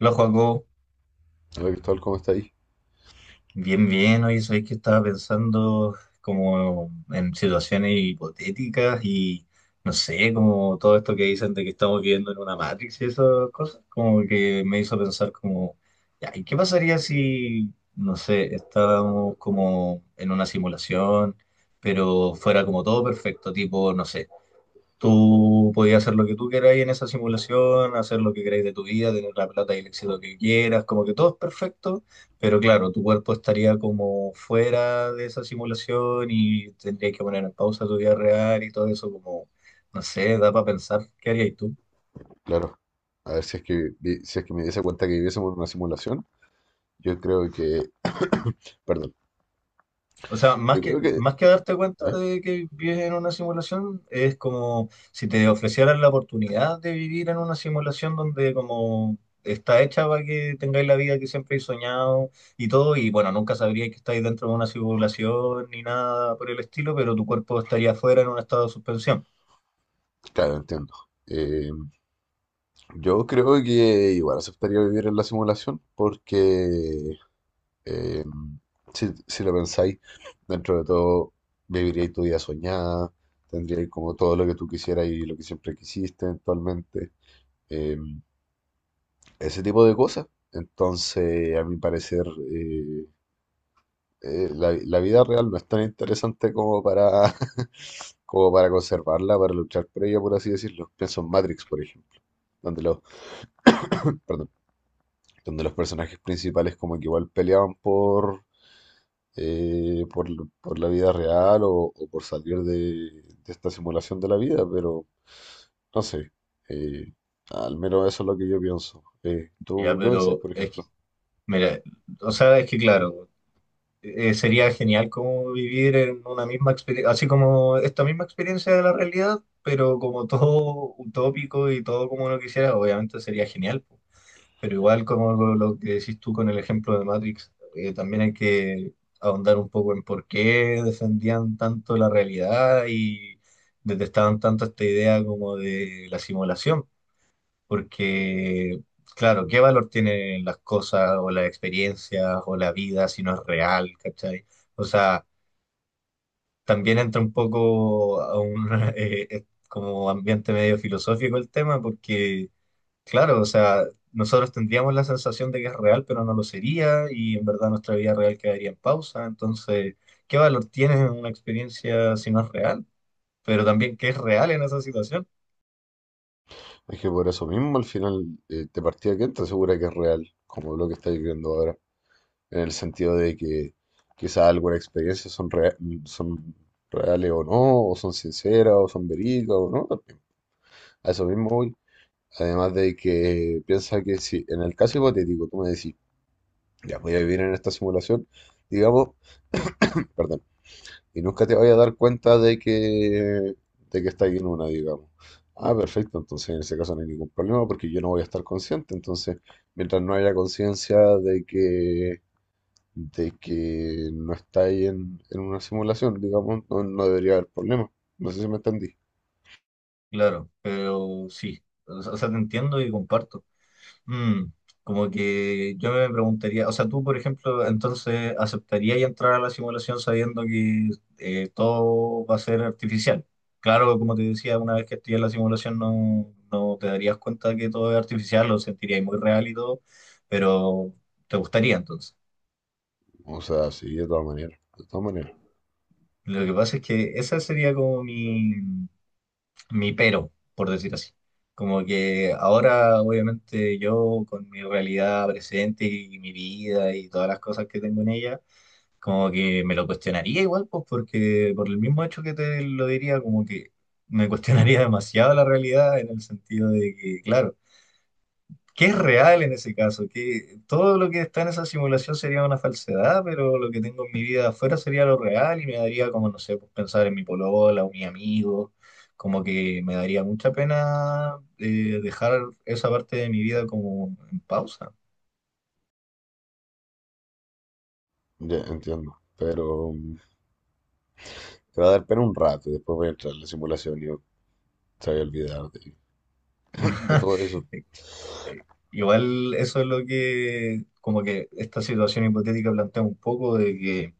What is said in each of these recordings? Hola Joaco, Hola Cristóbal, ¿cómo está ahí? bien, bien. Oye, sabéis que estaba pensando como en situaciones hipotéticas y no sé, como todo esto que dicen de que estamos viviendo en una Matrix y esas cosas, como que me hizo pensar como, ya, ¿y qué pasaría si, no sé, estábamos como en una simulación, pero fuera como todo perfecto, tipo, no sé? Tú podías hacer lo que tú queráis en esa simulación, hacer lo que queráis de tu vida, tener la plata y el éxito que quieras, como que todo es perfecto, pero claro, tu cuerpo estaría como fuera de esa simulación y tendrías que poner en pausa tu vida real y todo eso, como, no sé, da para pensar. ¿Qué harías tú? Claro, a ver si es que me diese cuenta que viviésemos en una simulación, yo creo que, perdón, O sea, yo creo que, más que darte cuenta ya, de que vives en una simulación, es como si te ofrecieran la oportunidad de vivir en una simulación donde como está hecha para que tengáis la vida que siempre he soñado y todo, y bueno, nunca sabríais que estáis dentro de una simulación ni nada por el estilo, pero tu cuerpo estaría afuera en un estado de suspensión. claro, entiendo. Eh, yo creo que igual aceptaría vivir en la simulación porque eh, si lo pensáis, dentro de todo viviríais tu vida soñada, tendríais como todo lo que tú quisieras y lo que siempre quisiste eventualmente, eh, ese tipo de cosas. Entonces, a mi parecer, eh, la vida real no es tan interesante como para, como para conservarla, para luchar por ella, por así decirlo. Pienso en Matrix, por ejemplo, donde los, perdón, donde los personajes principales como que igual peleaban por, eh, por, por la vida real o por salir de esta simulación de la vida, pero no sé. Eh, al menos eso es lo que yo pienso. Ya, ¿Tú qué pensáis, pero por es que, ejemplo? mira, o sea, es que claro. Sería genial como vivir en una misma experiencia, así como esta misma experiencia de la realidad, pero como todo utópico y todo como uno quisiera, obviamente sería genial. Po. Pero igual como lo que decís tú con el ejemplo de Matrix, también hay que ahondar un poco en por qué defendían tanto la realidad y detestaban tanto esta idea como de la simulación. Porque, claro, ¿qué valor tienen las cosas o las experiencias o la vida si no es real, ¿cachai? O sea, también entra un poco a un como ambiente medio filosófico el tema, porque, claro, o sea, nosotros tendríamos la sensación de que es real, pero no lo sería, y en verdad nuestra vida real quedaría en pausa. Entonces, ¿qué valor tiene una experiencia si no es real? Pero también, ¿qué es real en esa situación? Es que por eso mismo al final te partida que entra segura que es real, como lo que estáis viendo ahora, en el sentido de que quizá algunas experiencias son reales o no, o son sinceras, o son verídicas o no también. A eso mismo voy. Además de que piensa que si en el caso hipotético tú me decís, ya voy a vivir en esta simulación, digamos, perdón, y nunca te vayas a dar cuenta de que estás en una, digamos. Ah, perfecto, entonces en ese caso no hay ningún problema porque yo no voy a estar consciente, entonces mientras no haya conciencia de que no está ahí en una simulación, digamos, no debería haber problema. No sé si me entendí. Claro, pero sí, o sea, te entiendo y comparto. Mm, como que yo me preguntaría, o sea, tú, por ejemplo, entonces aceptarías entrar a la simulación sabiendo que todo va a ser artificial. Claro, como te decía, una vez que estés en la simulación no, no te darías cuenta que todo es artificial, lo sentirías muy real y todo, pero te gustaría entonces. O sea, sí, de todas maneras, de todas maneras. Lo que pasa es que esa sería como mi pero, por decir así. Como que ahora, obviamente, yo con mi realidad presente y mi vida y todas las cosas que tengo en ella, como que me lo cuestionaría igual, pues porque por el mismo hecho que te lo diría, como que me cuestionaría demasiado la realidad en el sentido de que, claro, que es real en ese caso? Que todo lo que está en esa simulación sería una falsedad, pero lo que tengo en mi vida afuera sería lo real y me daría como, no sé, pues, pensar en mi polola o mi amigo, como que me daría mucha pena dejar esa parte de mi vida como en pausa. Ya entiendo, pero mm, te va a dar pena un rato y después voy a entrar en la simulación y yo te voy a olvidar de, de todo eso. Igual eso es lo que, como que esta situación hipotética plantea un poco de que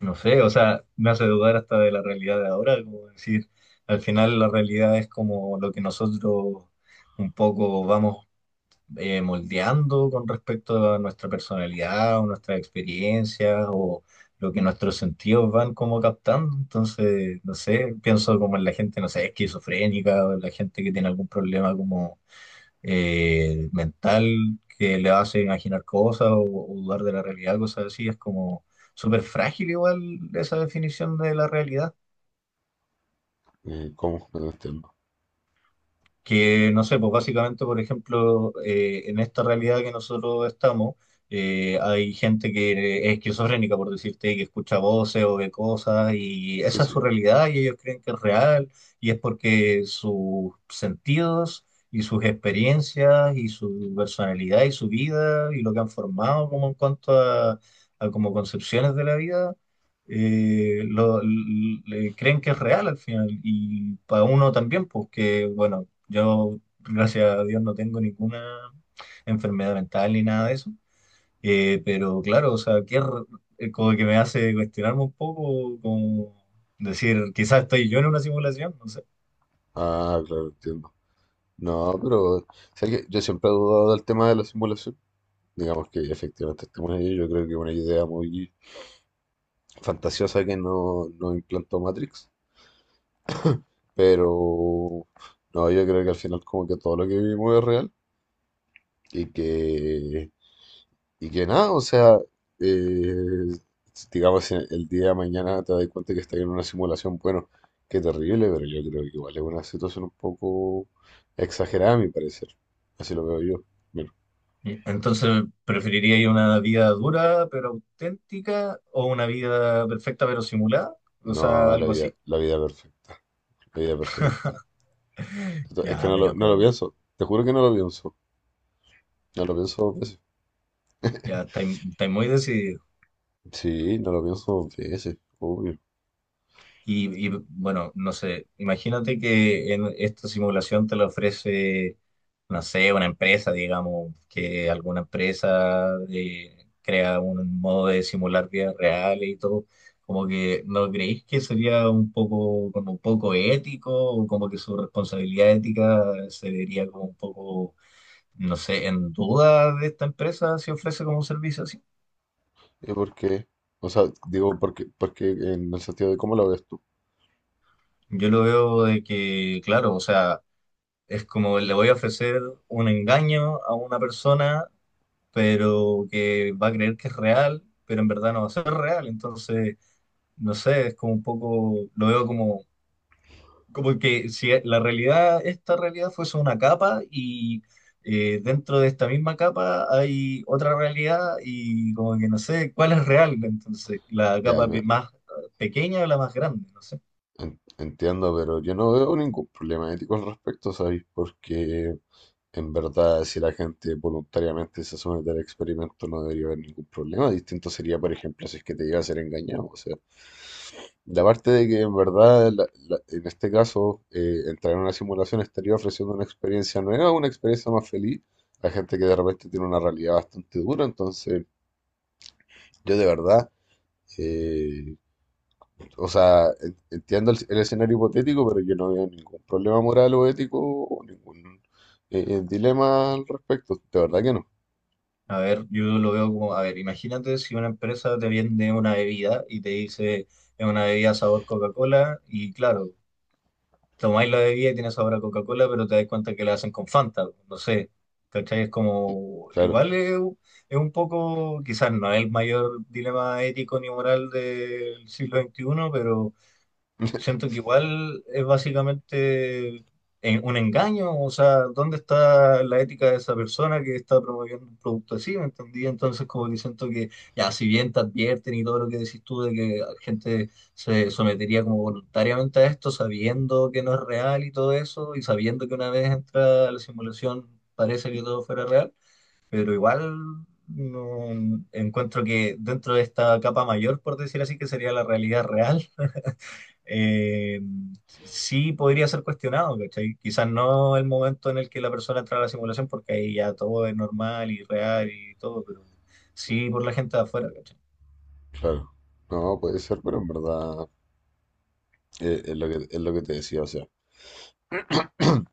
no sé, o sea, me hace dudar hasta de la realidad de ahora, como decir, al final la realidad es como lo que nosotros un poco vamos moldeando con respecto a nuestra personalidad o nuestras experiencias o lo que nuestros sentidos van como captando. Entonces, no sé, pienso como en la gente, no sé, esquizofrénica o en la gente que tiene algún problema como mental que le hace imaginar cosas o dudar de la realidad, cosas así. Es como súper frágil igual esa definición de la realidad. ¿Cómo? No entiendo. Que no sé, pues básicamente, por ejemplo, en esta realidad que nosotros estamos, hay gente que es esquizofrénica, por decirte, que escucha voces o ve cosas y Sí, esa es su sí. realidad y ellos creen que es real y es porque sus sentidos y sus experiencias y su personalidad y su vida y lo que han formado como en cuanto a como concepciones de la vida le creen que es real al final. Y para uno también, pues que, bueno, yo, gracias a Dios, no tengo ninguna enfermedad mental ni nada de eso. Pero claro, o sea, como que me hace cuestionarme un poco, como decir, quizás estoy yo en una simulación, no sé. Ah, claro, entiendo. No, pero ¿sabes qué? Yo siempre he dudado del tema de la simulación. Digamos que efectivamente estamos ahí. Yo creo que es una idea muy fantasiosa que no implantó Matrix. Pero no, yo creo que al final como que todo lo que vivimos es real y que, y que nada, o sea, eh, digamos, si el día de mañana te das cuenta que estás en una simulación, bueno, qué terrible, pero yo creo que igual es una situación un poco exagerada a mi parecer, así lo veo yo. Bueno, Y entonces, ¿preferiría ir una vida dura pero auténtica o una vida perfecta pero simulada? O sea, no la algo vida, así. la vida perfecta, la vida perfecta. Es que Ya, pero no lo como, pienso, te juro que no lo pienso, no lo pienso dos veces. ya estáis muy decididos. Sí, no lo pienso dos veces, obvio. Y, bueno, no sé, imagínate que en esta simulación te la ofrece, no sé, una empresa, digamos, que alguna empresa crea un modo de simular vidas reales y todo, como que ¿no creéis que sería un poco, como un poco ético o como que su responsabilidad ética se vería como un poco, no sé, en duda de esta empresa si ofrece como un servicio así? ¿Y por qué? O sea, digo, porque en el sentido de cómo lo ves tú. Yo lo veo de que, claro, o sea, es como le voy a ofrecer un engaño a una persona, pero que va a creer que es real, pero en verdad no va a ser real. Entonces, no sé, es como un poco, lo veo como, como que si la realidad, esta realidad fuese una capa y dentro de esta misma capa hay otra realidad y como que no sé cuál es real. Entonces, la Ya, capa no, más pequeña o la más grande, no sé. Entiendo, pero yo no veo ningún problema ético al respecto, ¿sabéis? Porque en verdad, si la gente voluntariamente se somete al experimento, no debería haber ningún problema. Distinto sería, por ejemplo, si es que te llega a ser engañado. O sea, la parte de que en verdad, en este caso, entrar en una simulación estaría ofreciendo una experiencia nueva, una experiencia más feliz a gente que de repente tiene una realidad bastante dura. Entonces, yo de verdad. Eh, O sea, entiendo el escenario hipotético, pero yo no veo ningún problema moral o ético o ningún dilema al respecto. De verdad que no. A ver, yo lo veo como, a ver, imagínate si una empresa te vende una bebida y te dice, es una bebida sabor Coca-Cola, y claro, tomáis la bebida y tiene sabor a Coca-Cola, pero te das cuenta que la hacen con Fanta, no sé, ¿cachai? Es como, Claro, igual es un poco, quizás no es el mayor dilema ético ni moral del siglo XXI, pero siento que igual es básicamente un engaño, o sea, ¿dónde está la ética de esa persona que está promoviendo un producto así? ¿Me entendí? Entonces, como que siento que, ya, si bien te advierten y todo lo que decís tú de que gente se sometería como voluntariamente a esto, sabiendo que no es real y todo eso, y sabiendo que una vez entra a la simulación parece que todo fuera real, pero igual no encuentro que dentro de esta capa mayor, por decir así, que sería la realidad real eh, sí podría ser cuestionado, ¿cachai? Quizás no el momento en el que la persona entra a la simulación, porque ahí ya todo es normal y real y todo, pero sí por la gente de afuera, ¿cachai? claro. No, puede ser, pero en verdad es lo que te decía. O sea,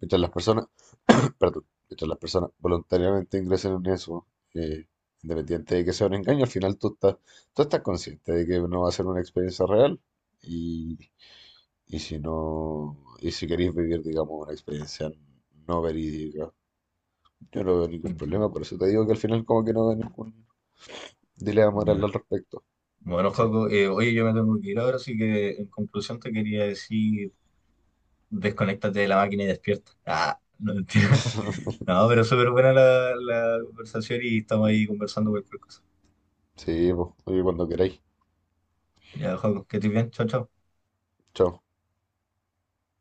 mientras las personas, perdón, mientras las personas voluntariamente ingresen en eso, eh, independiente de que sea un engaño, al final tú estás consciente de que no va a ser una experiencia real y, y si no, y si queréis vivir, digamos, una experiencia no verídica. Yo no veo ningún Entiendo. problema, por eso te digo que al final como que no veo ningún dilema moral Ya. al respecto. Bueno, Sí, Joaco, oye, yo me tengo que ir ahora, así que en conclusión te quería decir, desconéctate de la máquina y despierta. Ah, no mentira. No, pero súper buena la conversación y estamos ahí conversando cualquier cosa. sí, pues, oye, cuando queráis. Ya, Joaco, que estés bien, chao, chao. Chao.